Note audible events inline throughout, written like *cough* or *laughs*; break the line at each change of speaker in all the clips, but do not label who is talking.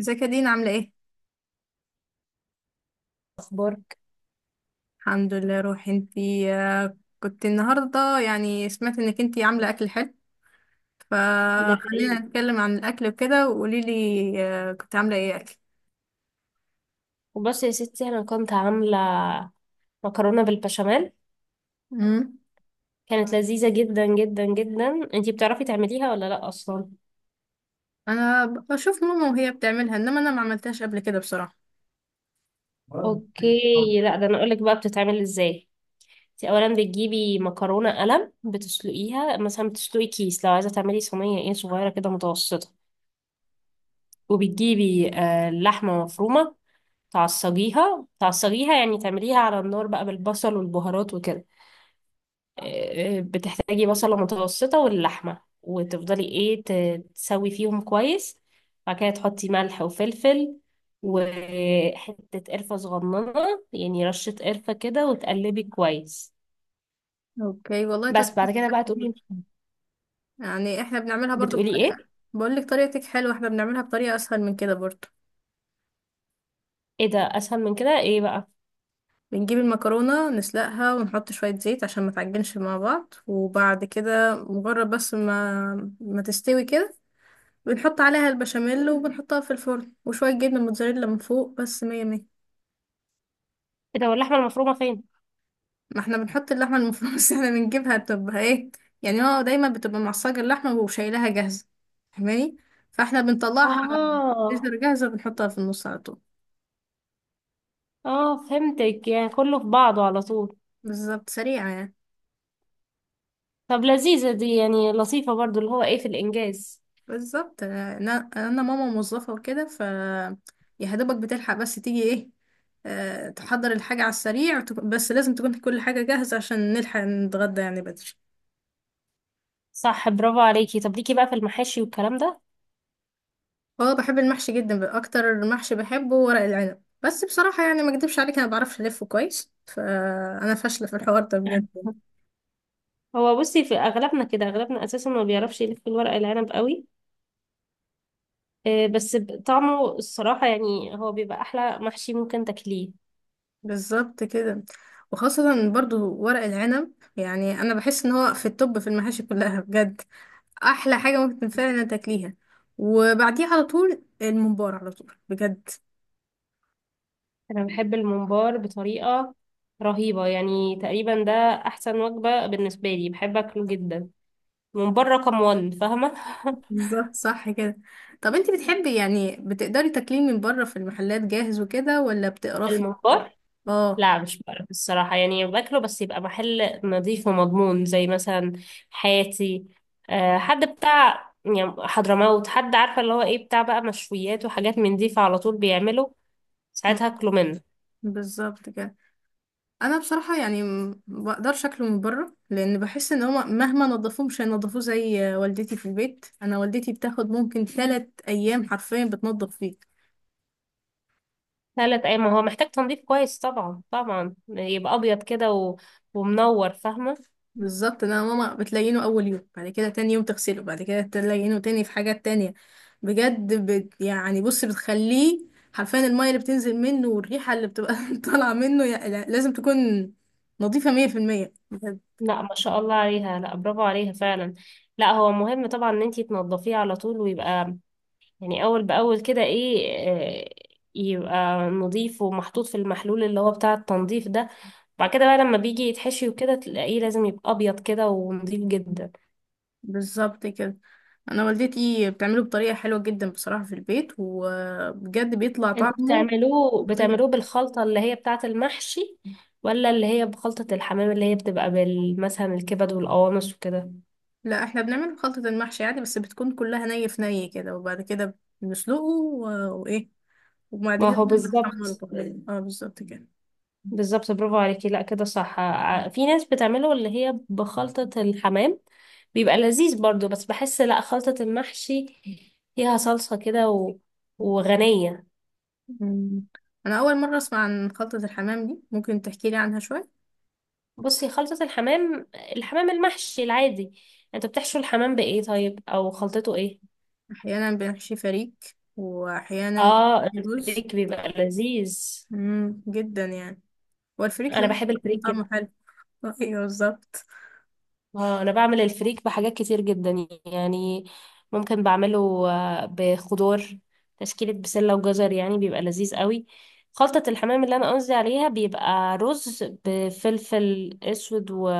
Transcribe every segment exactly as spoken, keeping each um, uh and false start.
ازيك يا دينا عاملة ايه؟
اخبارك.
الحمد لله. روحي انتي. آه، كنت النهاردة يعني سمعت انك انتي عاملة اكل حلو،
ده حقيقي.
فخلينا نتكلم عن الاكل وكده وقوليلي. آه، كنت عاملة ايه اكل؟
وبس يا ستي انا كنت عامله مكرونه بالبشاميل.
امم
كانت لذيذه جدا جدا جدا. انتي بتعرفي تعمليها ولا لا اصلا؟
انا بشوف ماما وهي بتعملها، انما انا ما عملتهاش قبل كده بصراحة.
اوكي، لا ده انا اقولك بقى بتتعمل ازاي. انتي اولا بتجيبي مكرونه قلم بتسلقيها، مثلا بتسلقي كيس لو عايزه تعملي صينيه ايه صغيره كده متوسطه. وبتجيبي آه، لحمه مفرومه. تعصجيها تعصجيها، يعني تعمليها على النار بقى بالبصل والبهارات وكده. آه، بتحتاجي بصلة متوسطة واللحمة، وتفضلي ايه ت- تسوي فيهم كويس. بعد كده تحطي ملح وفلفل وحتة قرفة صغننة، يعني رشة قرفة كده، وتقلبي كويس.
اوكي والله
بس
طريقة.
بعد كده بقى تقولي.
يعني احنا بنعملها برضو
بتقولي ايه؟
بطريقة. بقولك طريقتك حلوة، احنا بنعملها بطريقة اسهل من كده برضو.
ايه ده، اسهل من كده ايه بقى؟
بنجيب المكرونة نسلقها ونحط شوية زيت عشان ما تعجنش مع بعض، وبعد كده مجرد بس ما ما تستوي كده، بنحط عليها البشاميل وبنحطها في الفرن وشوية جبنة موتزاريلا من فوق، بس مية مية.
ايه ده، واللحمة المفرومة فين؟
ما احنا بنحط اللحمة *laughs* المفرومة، بس احنا بنجيبها تبقى ايه، يعني هو دايما بتبقى معصجة اللحمة وشايلها جاهزة. فاهماني؟ فاحنا بنطلعها
اه.
تقدر جاهزة بنحطها في النص على طول.
اه، فهمتك، يعني كله في بعضه على طول.
بالظبط، سريعة يعني.
طب لذيذة دي، يعني لطيفة برضو اللي هو ايه في الانجاز.
بالظبط، انا انا أنا ماما موظفه وكده، ف يا دوبك بتلحق. بس تيجي ايه، آه، تحضر الحاجه على السريع وتك- بس لازم تكون كل حاجه جاهزه عشان نلحق نتغدى يعني بدري.
صح، برافو عليكي. طب ليكي بقى في المحاشي والكلام ده؟
اه، بحب المحشي جدا بقى. اكتر محشي بحبه ورق العنب، بس بصراحه يعني ما اكدبش عليك، انا ما بعرفش الفه كويس، فانا فاشله في الحوار ده بجد.
هو بصي، في اغلبنا كده، اغلبنا اساسا ما بيعرفش يلف الورق العنب قوي. آه، بس ب- طعمه الصراحه، يعني هو بيبقى احلى محشي ممكن تاكليه.
بالظبط كده، وخاصه برضو ورق العنب. يعني انا بحس ان هو في التوب في المحاشي كلها بجد، احلى حاجه ممكن فعلا تاكليها، وبعديه على طول الممبار على طول بجد.
انا بحب الممبار بطريقه رهيبه، يعني تقريبا ده احسن وجبه بالنسبه لي، بحب اكله جدا. الممبار رقم واحد، فاهمه؟ *laughs*
بالظبط، صح كده. طب انت بتحبي يعني بتقدري تاكليه من بره في المحلات جاهز وكده، ولا بتقرفي؟
الممبار.
*laughs* اه.
لا، مش بعرف الصراحة، يعني باكله بس يبقى محل نظيف ومضمون، زي مثلا حياتي، آه، حد بتاع يعني حضرموت، حد عارفة اللي هو ايه بتاع بقى مشويات وحاجات من دي، فعلى طول بيعمله
م-
ساعتها اكله منه.
بالظبط كده. انا بصراحه يعني م- بقدرش اكله من بره، لان بحس ان هما مهما نظفوه مش هينضفوه زي والدتي في البيت. انا والدتي بتاخد ممكن ثلاث ايام حرفيا بتنظف فيه.
ثلاث ايام، ما هو محتاج تنظيف كويس، طبعا طبعا. يبقى ابيض كده و... ومنور، فاهمة؟
بالظبط، انا ماما بتلينه اول يوم، بعد كده تاني يوم تغسله، بعد كده تلينه تاني في حاجات تانية. بجد، بت يعني بص بتخليه حرفيا المية اللي بتنزل منه والريحة اللي بتبقى *laughs* طالعة منه يع- لا- لازم تكون نظيفة مية في المية بجد.
لا، ما شاء الله عليها، لا برافو عليها فعلا. لا هو مهم طبعا ان انتي تنظفيه على طول، ويبقى يعني اول باول كده، ايه. آه، يبقى نضيف ومحطوط في المحلول اللي هو بتاع التنظيف ده، وبعد كده بقى لما بيجي يتحشي وكده تلاقيه لازم يبقى ابيض كده ونضيف جدا.
بالظبط كده. انا والدتي بتعمله بطريقة حلوة جدا بصراحة في البيت، وبجد بيطلع
انتوا
طعمه
بتعملوه
خطير.
بتعملوه بالخلطة اللي هي بتاعة المحشي، ولا اللي هي بخلطة الحمام، اللي هي بتبقى بال- مثلا الكبد والقوانص وكده؟
لا، احنا بنعمله خلطة المحشي عادي، بس بتكون كلها ني في ني كده، وبعد كده بنسلقه و- وايه، وبعد
ما
كده
هو
كمان
بالظبط.
بتحمره طبعا. اه، بالظبط كده.
بالظبط، برافو عليكي. لا كده صح. ع- في ناس بتعمله اللي هي بخلطة الحمام، بيبقى لذيذ برضو. بس بحس لا، خلطة المحشي فيها صلصة كده و... وغنية.
مم. انا اول مره اسمع عن خلطه الحمام دي، ممكن تحكي لي عنها شويه؟
بصي، خلطة الحمام، الحمام المحشي العادي، انت بتحشو الحمام بإيه طيب، او خلطته ايه؟
احيانا بنحشي فريك، واحيانا
اه،
بنحشي رز.
الفريك بيبقى لذيذ.
مم، جدا يعني. والفريك
انا
لو
بحب الفريك.
طعمه حلو *laughs* آه، ايوه بالظبط.
اه، انا بعمل الفريك بحاجات كتير جدا، يعني ممكن بعمله آه، بخضار تشكيلة بسلة وجزر، يعني بيبقى لذيذ قوي. خلطة الحمام اللي انا قصدي عليها بيبقى رز بفلفل اسود و...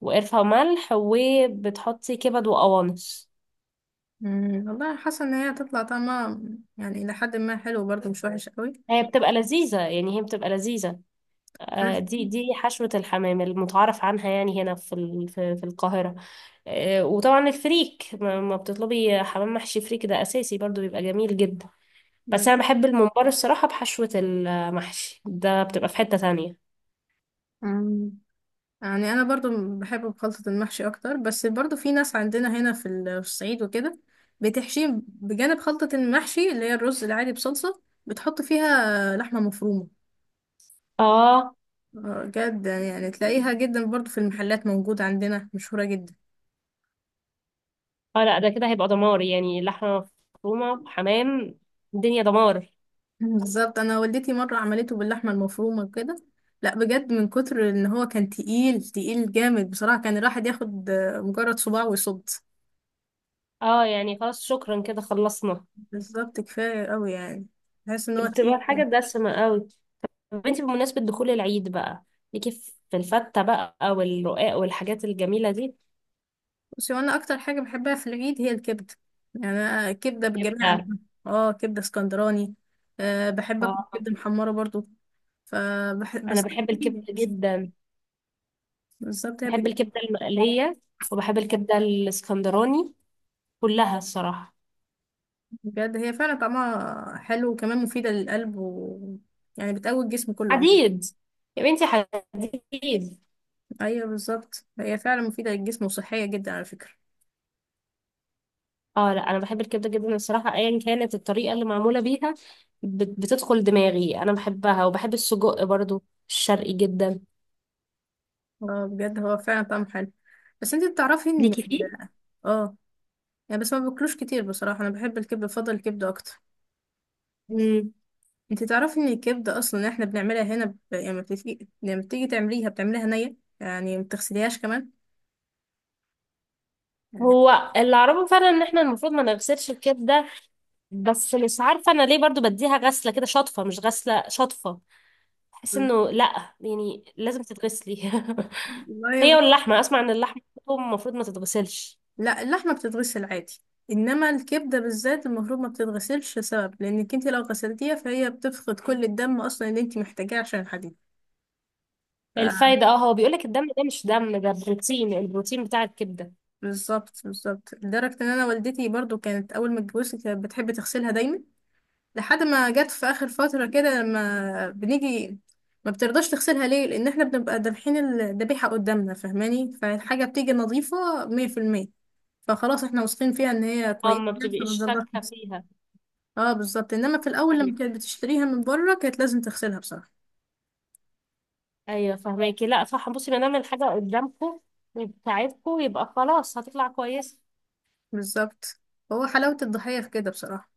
وقرفة وملح، وبتحطي كبد وقوانص.
مم. والله حاسه ان هي هتطلع طعمها يعني الى حد ما حلو برضه، مش وحش قوي.
هي بتبقى لذيذة، يعني هي بتبقى لذيذة. آه،
بس.
دي دي حشوة الحمام المتعارف عنها، يعني هنا في ال- في في القاهرة. آه، وطبعا الفريك، ما ما بتطلبي حمام محشي فريك ده أساسي برضو، بيبقى جميل جدا. بس أنا
بس.
بحب الممبار الصراحة، بحشوة المحشي ده بتبقى في حتة تانية.
مم. يعني انا برضو بحب خلطة المحشي اكتر، بس برضو في ناس عندنا هنا في ال- في الصعيد وكده بتحشيه بجانب خلطة المحشي اللي هي الرز العادي بصلصة بتحط فيها لحمة مفرومة.
اه.
آه، جدا يعني، تلاقيها جدا برضو في المحلات، موجودة عندنا مشهورة جدا.
اه، لا، ده كده هيبقى دمار. يعني لحمة مفرومة حمام، الدنيا دمار.
بالظبط، انا والدتي مرة عملته باللحمة المفرومة وكده، لا بجد من كتر ان هو كان تقيل تقيل جامد بصراحة، كان الواحد ياخد آه، مجرد صباع ويصد.
اه، يعني خلاص شكرا كده، خلصنا.
بالظبط، كفاية قوي يعني، بحس ان هو
بتبقى
تقيل.
الحاجة دسمة قوي. طب انتي بمناسبة دخول العيد بقى، ليكي في الفتة بقى والرقاق والحاجات الجميلة دي؟
بصي، وانا اكتر حاجه بحبها في العيد هي الكبده. يعني أنا كبده بجميع
كبدة؟
انواعها. اه، كبده اسكندراني، أه، بحب اكل
اه،
كبده محمره برضو. فبح...
انا
بس.
بحب الكبدة جدا،
بالظبط هي
بحب
بج-
الكبدة المقلية، وبحب الكبدة الاسكندراني، كلها الصراحة.
بجد هي فعلا طعمها حلو، وكمان مفيده للقلب، و... يعني بتقوي الجسم كله عموما.
حديد، يا بنتي حديد.
ايوه بالظبط، هي فعلا مفيده للجسم وصحيه جدا على فكره.
اه، لا انا بحب الكبدة جدا الصراحة، ايا كانت الطريقة اللي معمولة بيها، بت- بتدخل دماغي، انا بحبها، وبحب السجق برضو، الشرقي جدا.
اه بجد، هو فعلا طعمه حلو. بس انت بتعرفي ان
ليكي فيه؟
اه، يعني بس ما باكلوش كتير بصراحه، انا بحب الكبده، بفضل الكبده اكتر.
مم.
انت تعرفي ان الكبده اصلا احنا بنعملها هنا ب، لما بتيجي لما بتيجي تعمليها بتعمليها نيه يعني، ما بتغسليهاش كمان يعني.
هو اللي اعرفه فعلا ان احنا المفروض ما نغسلش الكبده، بس مش عارفة أنا ليه برضو بديها غسلة كده شطفة، مش غسلة شطفة. بحس إنه لأ، يعني لازم تتغسلي. *laughs* هي
والله،
واللحمة، أسمع إن اللحمة برضو المفروض ما تتغسلش.
لا اللحمه بتتغسل عادي، انما الكبده بالذات المفروض ما بتتغسلش، سبب لانك انت لو غسلتيها فهي بتفقد كل الدم اصلا اللي انت محتاجاه عشان الحديد. ف-
الفايدة، اه، هو بيقولك الدم ده مش دم، ده بروتين، البروتين بتاع الكبدة.
بالظبط بالظبط لدرجه ان انا والدتي برضو كانت اول ما اتجوزت كانت بتحب تغسلها دايما، لحد ما جت في اخر فتره كده لما بنيجي ما بترضاش تغسلها. ليه؟ لان احنا بنبقى دابحين الذبيحه قدامنا، فاهماني؟ فالحاجه بتيجي نظيفه مية في المية، فخلاص احنا واثقين فيها ان هي
اه،
كويسه،
ما
فما
بتبقيش
بنرضاش
شاكة
نغسلها.
فيها.
اه بالظبط، انما في الاول
أيوة،
لما كانت بتشتريها من بره كانت لازم تغسلها بصراحه.
أيوة فهماكي. لأ صح، بصي ما دام الحاجة قدامكوا بتاعتكوا، يبقى خلاص هتطلع كويسة.
بالظبط، هو حلاوه الضحيه في كده بصراحه.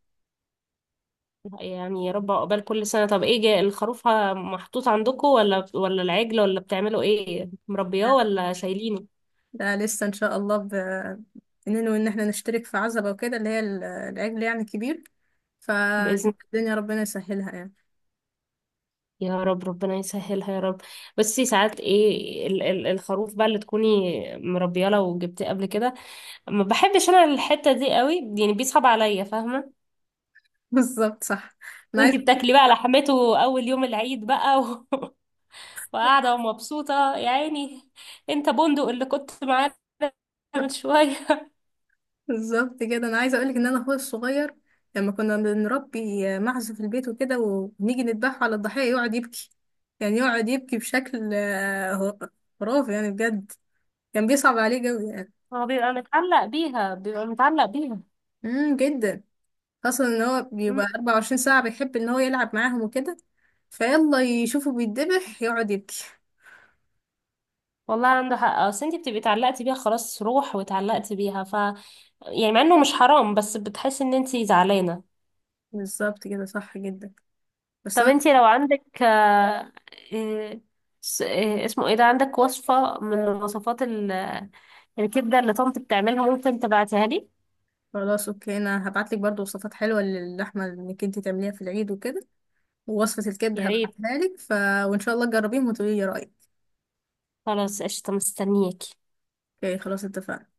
يعني يا رب عقبال كل سنة. طب ايه، جا- الخروف ه- محطوط عندكم، ولا ولا العجل، ولا بتعملوا ايه، مربياه ولا شايلينه؟
ده لسه ان شاء الله، ب... اننا ان احنا نشترك في عزبه وكده، اللي هي ال- العجل يعني كبير،
بإذن،
فالدنيا ربنا يسهلها يعني.
يا رب، ربنا يسهلها يا رب. بس ساعات ايه، ال- ال- الخروف بقى اللي تكوني مربياه، لو جبتيه قبل كده، ما بحبش انا الحتة دي قوي، يعني بيصعب عليا، فاهمة؟
بالظبط، صح. انا عايزه.
وانتي بتاكلي بقى لحمته اول يوم العيد بقى و *laughs* وقاعدة ومبسوطة، يا عيني. انت بندق اللي كنت معانا من
*laughs*
شوية.
بالظبط كده، انا عايزه اقولك ان انا اخويا الصغير لما كنا بنربي معزه في البيت وكده ونيجي نذبحه على الضحيه يقعد يبكي. يعني يقعد يبكي بشكل آه، خرافي يعني بجد، كان بيصعب عليه قوي يعني.
هو بيبقى متعلق بيها، بيبقى متعلق بيها.
امم جدا، خاصه ان هو
مم.
بيبقى أربعة وعشرين ساعة ساعه بيحب ان هو يلعب معاهم وكده، فيلا يشوفه بيتذبح يقعد يبكي.
والله عنده حق، اصل انت بتبقي اتعلقتي بيها، خلاص روح واتعلقتي بيها، ف يعني مع انه مش حرام، بس بتحسي ان انت زعلانه.
بالظبط كده، صح جدا. بس
طب
انا
انت لو عندك آه، إيه، س- إيه، اسمه ايه ده، عندك وصفه من وصفات ال- الكبده اللي طنط بتعملها، ممكن تبعتيها لي؟
خلاص. اوكي انا هبعتلك برضو وصفات حلوه للحمه انك انت تعمليها في العيد وكده، ووصفة الكبدة
يا ريت.
هبعتها لك ف... وإن شاء الله تجربيهم وتقولي لي رأيك.
خلاص قشطه، مستنياكي.
اوكي خلاص، اتفقنا.